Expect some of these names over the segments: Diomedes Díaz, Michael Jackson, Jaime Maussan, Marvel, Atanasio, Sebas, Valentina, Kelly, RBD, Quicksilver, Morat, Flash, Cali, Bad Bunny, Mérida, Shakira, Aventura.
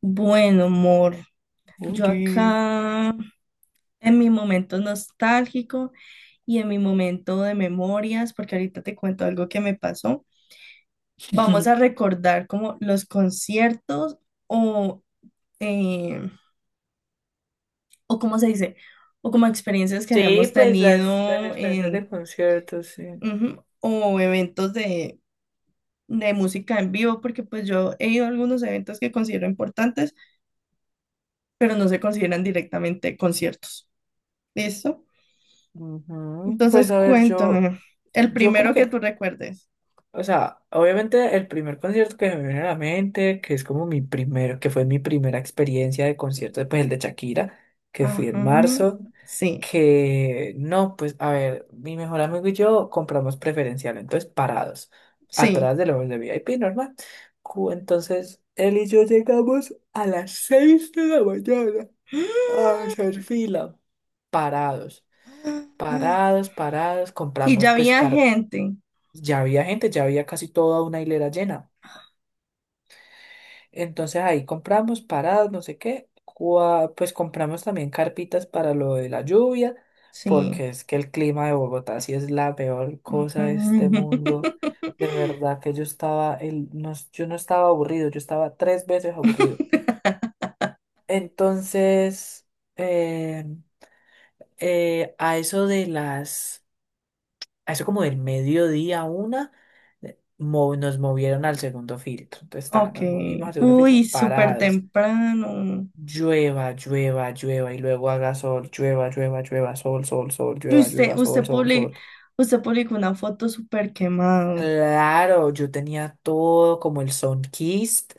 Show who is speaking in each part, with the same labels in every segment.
Speaker 1: Bueno, amor, yo
Speaker 2: Oye.
Speaker 1: acá en mi momento nostálgico y en mi momento de memorias, porque ahorita te cuento algo que me pasó, vamos a recordar como los conciertos o, eh, o cómo se dice, o como experiencias que
Speaker 2: Sí,
Speaker 1: hayamos
Speaker 2: pues las
Speaker 1: tenido
Speaker 2: experiencias de
Speaker 1: en,
Speaker 2: conciertos, sí.
Speaker 1: ujú, o eventos de música en vivo, porque pues yo he ido a algunos eventos que considero importantes, pero no se consideran directamente conciertos. ¿Listo?
Speaker 2: Ujú. Pues
Speaker 1: Entonces,
Speaker 2: a ver, yo,
Speaker 1: cuéntame, el
Speaker 2: yo como
Speaker 1: primero que tú
Speaker 2: que
Speaker 1: recuerdes.
Speaker 2: o sea, obviamente el primer concierto que me viene a la mente, que es como mi primero, que fue mi primera experiencia de concierto, pues el de Shakira, que fui en
Speaker 1: Ajá,
Speaker 2: marzo.
Speaker 1: sí,
Speaker 2: Que no, pues a ver, mi mejor amigo y yo compramos preferencial, entonces parados,
Speaker 1: sí.
Speaker 2: atrás de los de VIP, normal. Entonces él y yo llegamos a las 6 de la mañana a hacer fila, parados.
Speaker 1: Ah,
Speaker 2: Parados, parados,
Speaker 1: y
Speaker 2: compramos
Speaker 1: ya
Speaker 2: pues.
Speaker 1: había
Speaker 2: Car
Speaker 1: gente.
Speaker 2: Ya había gente, ya había casi toda una hilera llena. Entonces ahí compramos paradas, no sé qué. Pues compramos también carpitas para lo de la lluvia,
Speaker 1: Sí.
Speaker 2: porque es que el clima de Bogotá sí es la peor cosa de este
Speaker 1: Ujú.
Speaker 2: mundo. De verdad que yo estaba, no, yo no estaba aburrido, yo estaba tres veces aburrido. Entonces, eh, eh, a eso de las a eso como del mediodía a una, nos movieron al segundo filtro. Entonces, ta,
Speaker 1: Ok.
Speaker 2: nos movimos al segundo
Speaker 1: Uy,
Speaker 2: filtro,
Speaker 1: súper
Speaker 2: parados.
Speaker 1: temprano.
Speaker 2: Llueva, llueva, llueva, y luego haga sol, llueva, llueva, llueva, sol, sol, sol, llueva,
Speaker 1: Usted,
Speaker 2: llueva, sol,
Speaker 1: usted
Speaker 2: sol,
Speaker 1: publi-
Speaker 2: sol.
Speaker 1: usted publicó una foto súper quemado.
Speaker 2: Claro, yo tenía todo como el sunkist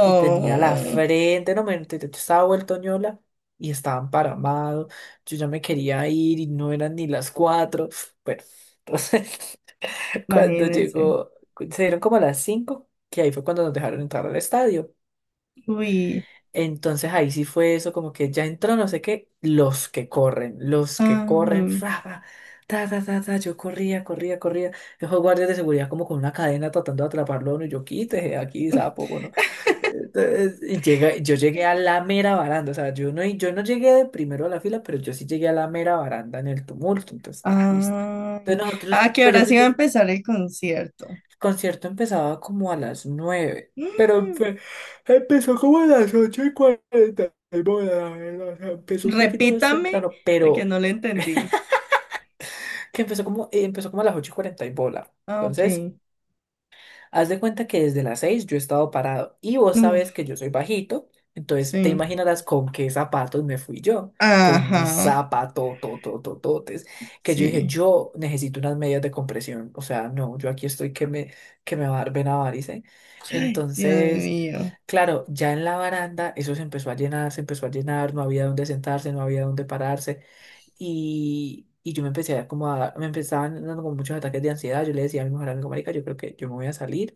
Speaker 2: y tenía la frente, no me estaba vuelto ñola y estaba emparamado. Yo ya me quería ir y no eran ni las 4. Bueno, entonces. Cuando
Speaker 1: imagínense.
Speaker 2: llegó, se dieron como a las 5, que ahí fue cuando nos dejaron entrar al estadio.
Speaker 1: Uy.
Speaker 2: Entonces ahí sí fue eso, como que ya entró, no sé qué, los que corren,
Speaker 1: Ah,
Speaker 2: fra, fra, ta, ta, ta, ta, yo corría, corría, corría. Esos guardias de seguridad como con una cadena tratando de atraparlo a uno, y yo quítese aquí, sapo, bueno. Entonces, y llega, yo llegué a la mera baranda, o sea, yo no llegué de primero a la fila, pero yo sí llegué a la mera baranda en el tumulto, entonces, está listo.
Speaker 1: Ay.
Speaker 2: Entonces nosotros,
Speaker 1: ¿Ah, que
Speaker 2: pues yo
Speaker 1: ahora sí
Speaker 2: fui,
Speaker 1: va a empezar el concierto?
Speaker 2: concierto empezaba como a las 9, pero empezó como a las 8:40 y bola. O sea, empezó un poquito más
Speaker 1: Repítame,
Speaker 2: temprano,
Speaker 1: de que
Speaker 2: pero
Speaker 1: no le entendí.
Speaker 2: que empezó como a las 8:40 y bola.
Speaker 1: Ah, ok.
Speaker 2: Entonces, haz de cuenta que desde las 6 yo he estado parado y vos sabes
Speaker 1: Uf,
Speaker 2: que yo soy bajito, entonces te
Speaker 1: sí.
Speaker 2: imaginarás con qué zapatos me fui yo, con mis
Speaker 1: Ajá,
Speaker 2: zapatototototes, que yo dije,
Speaker 1: sí.
Speaker 2: yo necesito unas medias de compresión, o sea, no, yo aquí estoy que me va a dar vena varice.
Speaker 1: Dios
Speaker 2: Entonces,
Speaker 1: mío.
Speaker 2: claro, ya en la baranda eso se empezó a llenar, se empezó a llenar, no había dónde sentarse, no había dónde pararse. Y yo me empecé, me empezaban dando como muchos ataques de ansiedad. Yo le decía a mi mejor amigo, marica, yo creo que yo me voy a salir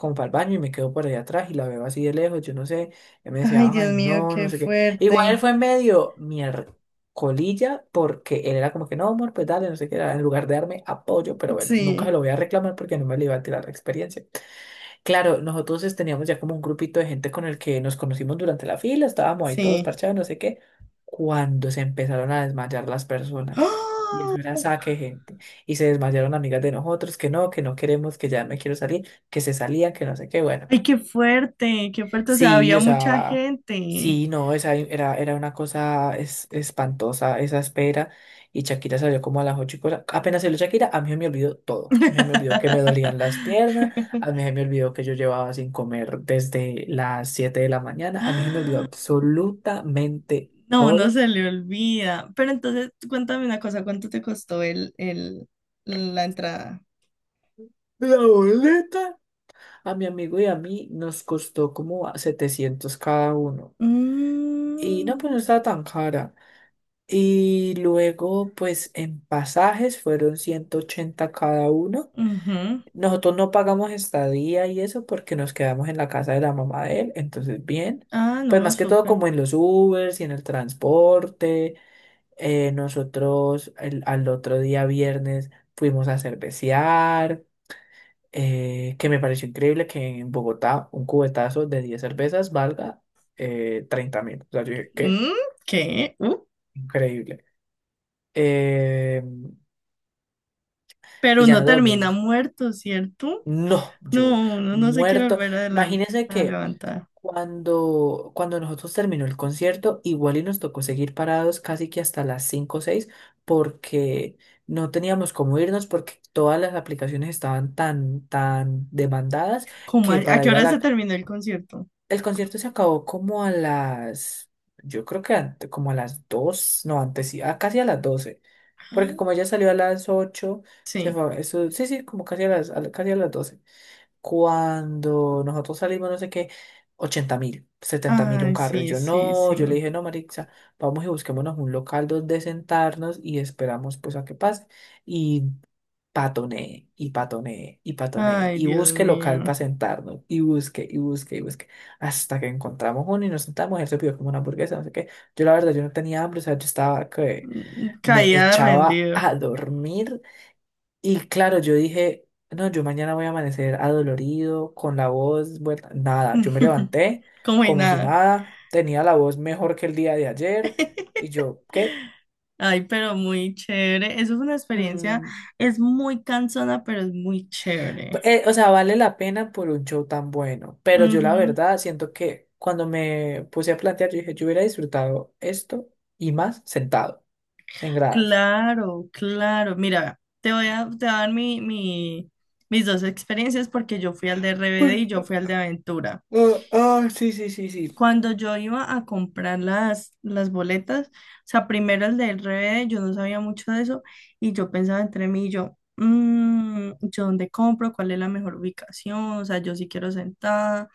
Speaker 2: como para el baño y me quedo por allá atrás y la veo así de lejos, yo no sé, él me
Speaker 1: Ay,
Speaker 2: decía, ay,
Speaker 1: Dios mío,
Speaker 2: no, no
Speaker 1: qué
Speaker 2: sé qué. Igual él
Speaker 1: fuerte.
Speaker 2: fue medio miércolilla porque él era como que, no, amor, pues dale, no sé qué, era, en lugar de darme apoyo, pero bueno, nunca se lo
Speaker 1: Sí,
Speaker 2: voy a reclamar porque no me le iba a tirar la experiencia. Claro, nosotros teníamos ya como un grupito de gente con el que nos conocimos durante la fila, estábamos ahí todos
Speaker 1: sí.
Speaker 2: parchados, no sé qué, cuando se empezaron a desmayar las personas. Y
Speaker 1: ¡Ah!
Speaker 2: eso era saque de gente. Y se desmayaron amigas de nosotros, que no queremos, que ya me quiero salir, que se salían, que no sé qué, bueno.
Speaker 1: Ay, qué fuerte, qué fuerte. O sea,
Speaker 2: Sí,
Speaker 1: había
Speaker 2: o
Speaker 1: mucha
Speaker 2: sea,
Speaker 1: gente.
Speaker 2: sí, no, esa era una cosa espantosa, esa espera. Y Shakira salió como a las 8 y cosa. Apenas salió Shakira, a mí se me olvidó todo. Me olvidó que me dolían las piernas, a mí se me olvidó que yo llevaba sin comer desde las 7 de la mañana, a mí se me olvidó absolutamente
Speaker 1: No, no
Speaker 2: todo.
Speaker 1: se le olvida. Pero entonces, cuéntame una cosa, ¿cuánto te costó la entrada?
Speaker 2: La boleta a mi amigo y a mí nos costó como a 700 cada uno. Y no,
Speaker 1: Mm,
Speaker 2: pues no estaba tan cara. Y luego, pues en pasajes fueron 180 cada uno.
Speaker 1: ujú.
Speaker 2: Nosotros no pagamos estadía y eso porque nos quedamos en la casa de la mamá de él, entonces bien.
Speaker 1: Ah,
Speaker 2: Pues
Speaker 1: no,
Speaker 2: más que todo
Speaker 1: súper.
Speaker 2: como en los Ubers y en el transporte. Nosotros al otro día viernes fuimos a cervecear, que me pareció increíble que en Bogotá un cubetazo de 10 cervezas valga, 30 mil. O sea, yo dije, qué
Speaker 1: Mm, ¿qué?
Speaker 2: increíble. Em, y
Speaker 1: ¿Pero
Speaker 2: ya no
Speaker 1: no termina
Speaker 2: devolvimos.
Speaker 1: muerto, cierto?
Speaker 2: No, yo
Speaker 1: No, uno no se quiere
Speaker 2: muerto.
Speaker 1: volver adelante,
Speaker 2: Imagínense
Speaker 1: a
Speaker 2: que
Speaker 1: levantar.
Speaker 2: cuando nosotros terminó el concierto, igual y nos tocó seguir parados casi que hasta las 5 o 6 porque no teníamos cómo irnos porque todas las aplicaciones estaban tan, tan demandadas
Speaker 1: ¿Cómo
Speaker 2: que
Speaker 1: a
Speaker 2: para
Speaker 1: qué
Speaker 2: ir a
Speaker 1: hora
Speaker 2: la
Speaker 1: se terminó el concierto?
Speaker 2: el concierto se acabó como a las, yo creo que como a las 2, no, antes sí, ah, casi a las 12, porque como
Speaker 1: Ah,
Speaker 2: ella salió a las 8, se
Speaker 1: sí.
Speaker 2: fue, eso, sí, sí, como casi a las, casi a las 12. Cuando nosotros salimos, no sé qué, 80 mil, 70 mil un
Speaker 1: Ay,
Speaker 2: carro, y
Speaker 1: sí,
Speaker 2: yo
Speaker 1: sí,
Speaker 2: no,
Speaker 1: sí.
Speaker 2: yo le dije, no, Marixa, vamos y busquémonos un local donde sentarnos y esperamos pues a que pase patonee y patonee y patonee
Speaker 1: Ay,
Speaker 2: y
Speaker 1: Dios
Speaker 2: busque local para
Speaker 1: mío.
Speaker 2: sentarnos y busque y busque y busque hasta que encontramos uno y nos sentamos. Él se pidió como una hamburguesa, no sé qué. Yo la verdad, yo no tenía hambre, o sea, yo estaba que
Speaker 1: Mm,
Speaker 2: me
Speaker 1: caía
Speaker 2: echaba
Speaker 1: rendido.
Speaker 2: a dormir y claro, yo dije, no, yo mañana voy a amanecer adolorido, con la voz vuelta, nada, yo me levanté
Speaker 1: Como y
Speaker 2: como si
Speaker 1: nada.
Speaker 2: nada, tenía la voz mejor que el día de ayer y yo, ¿qué?
Speaker 1: Ay, pero muy chévere. Eso fue una experiencia.
Speaker 2: Mm.
Speaker 1: Es muy cansona, pero es muy chévere.
Speaker 2: O sea, vale la pena por un show tan bueno, pero yo la
Speaker 1: Ujú.
Speaker 2: verdad siento que cuando me puse a plantear, yo dije, yo hubiera disfrutado esto y más sentado en gradas.
Speaker 1: Claro, claro. Mira, te voy a dar mis dos experiencias porque yo fui al de RBD
Speaker 2: Pues,
Speaker 1: y yo fui al de Aventura
Speaker 2: ah, ah, sí, sí, sí, sí.
Speaker 1: cuando yo iba a comprar las boletas. O sea, primero el del RBD, yo no sabía mucho de eso y yo pensaba entre mí y yo, "Mm, ¿yo dónde compro? ¿Cuál es la mejor ubicación?" O sea, yo sí quiero sentada.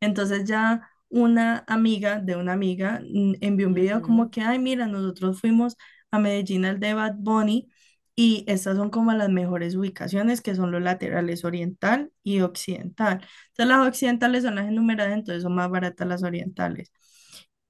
Speaker 1: Entonces ya una amiga de una amiga mm, envió un video como
Speaker 2: Ujú.
Speaker 1: que, ay, mira, nosotros fuimos a Medellín al de Bad Bunny y estas son como las mejores ubicaciones que son los laterales oriental y occidental. Sea, las occidentales son las enumeradas, entonces son más baratas las orientales.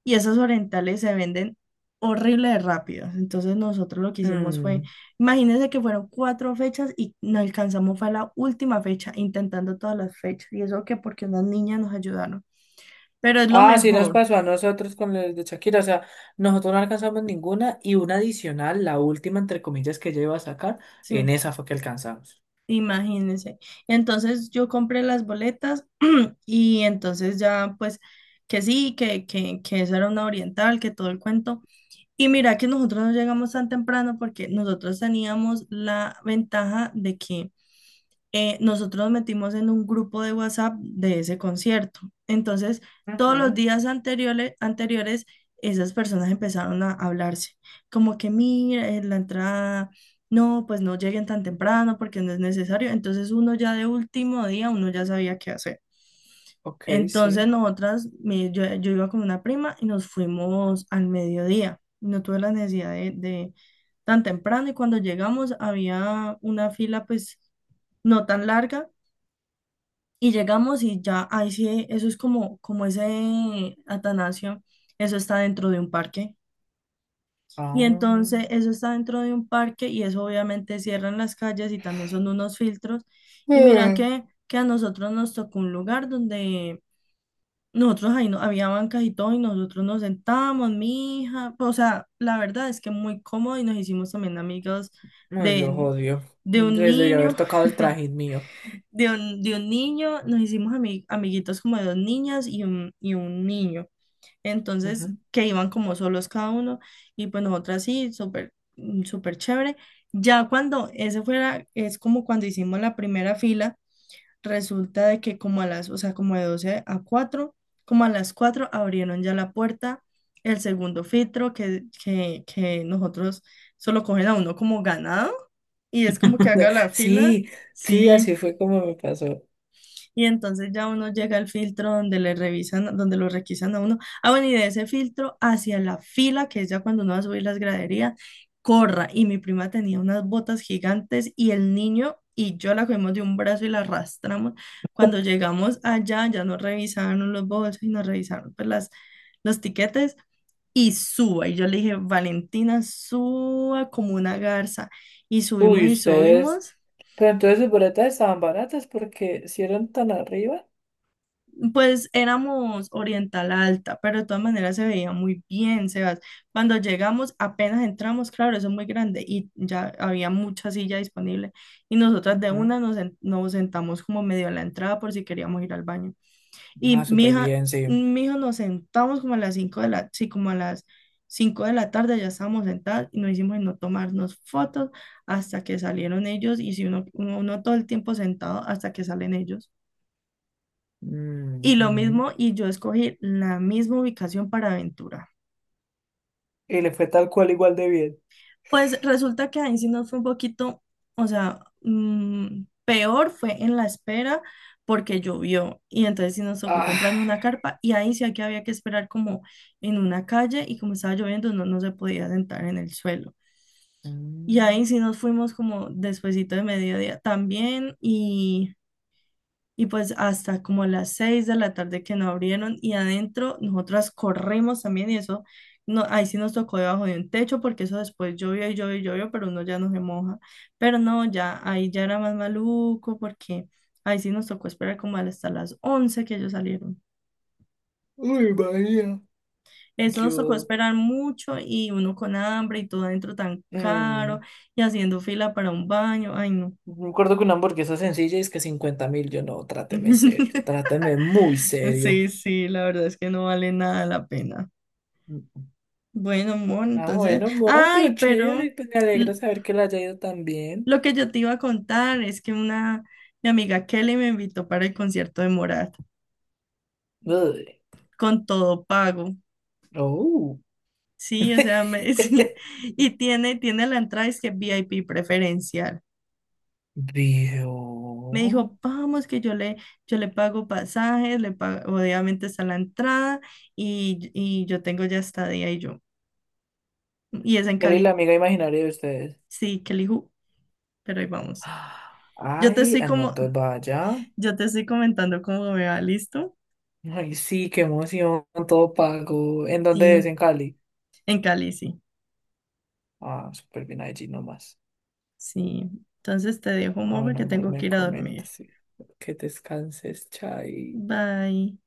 Speaker 1: Y esas orientales se venden horrible de rápidas. Entonces nosotros lo que hicimos fue,
Speaker 2: Mm.
Speaker 1: imagínense que fueron cuatro fechas y no alcanzamos, fue la última fecha, intentando todas las fechas. Y eso que porque unas niñas nos ayudaron. Pero es lo
Speaker 2: Ah, sí nos
Speaker 1: mejor,
Speaker 2: pasó a nosotros con el de Shakira, o sea, nosotros no alcanzamos ninguna y una adicional, la última entre comillas que yo iba a sacar, en
Speaker 1: sí,
Speaker 2: esa fue que alcanzamos.
Speaker 1: imagínense. Y entonces yo compré las boletas y entonces ya pues que sí, que esa era una oriental, que todo el cuento. Y mira que nosotros no llegamos tan temprano porque nosotros teníamos la ventaja de que nosotros nos metimos en un grupo de WhatsApp de ese concierto. Entonces, todos los
Speaker 2: Ujú.
Speaker 1: días anteriores, anteriores esas personas empezaron a hablarse, como que mira, la entrada, no, pues no lleguen tan temprano porque no es necesario. Entonces, uno ya de último día, uno ya sabía qué hacer.
Speaker 2: Ok,
Speaker 1: Entonces,
Speaker 2: sí.
Speaker 1: nosotras, yo iba con una prima y nos fuimos al mediodía. No tuve la necesidad de tan temprano y cuando llegamos había una fila, pues no tan larga, y llegamos y ya, ahí sí, eso es como, como ese Atanasio, eso está dentro de un parque. Y
Speaker 2: Ah.
Speaker 1: entonces eso está dentro de un parque y eso obviamente cierran las calles y también son unos filtros. Y mira
Speaker 2: Mm.
Speaker 1: que a nosotros nos tocó un lugar donde nosotros ahí no, había bancas y todo y nosotros nos sentábamos, mi hija, o sea, la verdad es que muy cómodo y nos hicimos también amigos
Speaker 2: Ay, lo
Speaker 1: de,
Speaker 2: odio.
Speaker 1: de un
Speaker 2: Les debió haber
Speaker 1: niño.
Speaker 2: tocado el trajín mío.
Speaker 1: De un niño, nos hicimos amiguitos como de dos niñas y y un niño. Entonces,
Speaker 2: Ujú.
Speaker 1: que iban como solos cada uno y pues nosotras sí, súper, mm, súper chévere. Ya cuando ese fuera, es como cuando hicimos la primera fila, resulta de que como a las, o sea, como de 12 a cuatro, como a las 4 abrieron ya la puerta, el segundo filtro que, que nosotros solo cogen a uno como ganado y es como que haga la fila.
Speaker 2: Sí, sí,
Speaker 1: Sí,
Speaker 2: así fue como me pasó.
Speaker 1: y entonces ya uno llega al filtro donde le revisan, donde lo requisan a uno. Ah, bueno, y de ese filtro hacia la fila, que es ya cuando uno va a subir las graderías, corra. Y mi prima tenía unas botas gigantes y el niño y yo la cogimos de un brazo y la arrastramos. Cuando llegamos allá, ya nos revisaron los bolsos y nos revisaron pues, los tiquetes y suba. Y yo le dije, Valentina, suba como una garza. Y subimos
Speaker 2: Uy,
Speaker 1: y
Speaker 2: ustedes.
Speaker 1: subimos.
Speaker 2: Pero entonces sus boletas estaban baratas porque si eran tan arriba.
Speaker 1: Pues éramos Oriental Alta, pero de todas maneras se veía muy bien, Sebas. Cuando llegamos, apenas entramos, claro, eso es muy grande y ya había mucha silla disponible. Y nosotras de
Speaker 2: Ujú.
Speaker 1: una nos sentamos como medio a la entrada por si queríamos ir al baño.
Speaker 2: Ah,
Speaker 1: Y
Speaker 2: súper bien, sí.
Speaker 1: mi hijo nos sentamos como a las 5 de la, sí, como a las 5 de la tarde ya estábamos sentadas y nos hicimos en no tomarnos fotos hasta que salieron ellos y si uno todo el tiempo sentado hasta que salen ellos. Y lo
Speaker 2: Mm.
Speaker 1: mismo, y yo escogí la misma ubicación para aventura.
Speaker 2: Y le fue tal cual igual de bien.
Speaker 1: Pues resulta que ahí sí nos fue un poquito, o sea, mm, peor fue en la espera porque llovió y entonces sí nos tocó
Speaker 2: Ah.
Speaker 1: comprando una carpa y ahí sí que había que esperar como en una calle y como estaba lloviendo no, no se podía sentar en el suelo. Y ahí
Speaker 2: Mm.
Speaker 1: sí nos fuimos como despuesito de mediodía también y Y pues hasta como a las seis de la tarde que no abrieron y adentro nosotras corrimos también y eso, no, ahí sí nos tocó debajo de un techo porque eso después llovió y llovió y llovió, pero uno ya no se moja. Pero no, ya ahí ya era más maluco porque ahí sí nos tocó esperar como hasta las once que ellos salieron.
Speaker 2: Uy, María.
Speaker 1: Eso nos tocó
Speaker 2: Yo.
Speaker 1: esperar mucho y uno con hambre y todo adentro tan caro
Speaker 2: mm,
Speaker 1: y haciendo fila para un baño. Ay, no.
Speaker 2: Me acuerdo que una hamburguesa sencilla es que 50 mil. Yo no, tráteme serio. Tráteme muy serio.
Speaker 1: Sí, sí, la verdad es que no vale nada la pena.
Speaker 2: Mm.
Speaker 1: Bueno, Mon,
Speaker 2: Ah,
Speaker 1: entonces,
Speaker 2: bueno, amor, pero
Speaker 1: ay, pero
Speaker 2: chévere. Pues me alegra
Speaker 1: l-
Speaker 2: saber que la haya ido tan bien.
Speaker 1: lo que yo te iba a contar es que una, mi amiga Kelly me invitó para el concierto de Morat
Speaker 2: Uy,
Speaker 1: con todo pago.
Speaker 2: oh,
Speaker 1: Sí, o sea, me, sí, y tiene la entrada, es que VIP preferencial. Me
Speaker 2: vio.
Speaker 1: dijo, vamos, que yo le pago pasajes, le pago, obviamente está la entrada y yo tengo ya estadía y yo. Y es en
Speaker 2: Él es la
Speaker 1: Cali.
Speaker 2: amiga imaginaria de ustedes.
Speaker 1: Sí, Kelly, ju, pero ahí vamos.
Speaker 2: Ah.
Speaker 1: Yo te
Speaker 2: Ay,
Speaker 1: estoy
Speaker 2: ah, no,
Speaker 1: como,
Speaker 2: entonces vaya.
Speaker 1: yo te estoy comentando cómo me va, ¿listo?
Speaker 2: Ay, sí, qué emoción, todo pago. ¿En dónde es? ¿En
Speaker 1: Sí,
Speaker 2: Cali?
Speaker 1: en Cali, sí.
Speaker 2: Ah, súper bien allí nomás.
Speaker 1: Sí. Entonces te dejo,
Speaker 2: Ah,
Speaker 1: amor,
Speaker 2: bueno,
Speaker 1: porque
Speaker 2: amor,
Speaker 1: tengo
Speaker 2: me
Speaker 1: que ir a
Speaker 2: comentas.
Speaker 1: dormir.
Speaker 2: Sí. Que descanses, chai.
Speaker 1: Bye.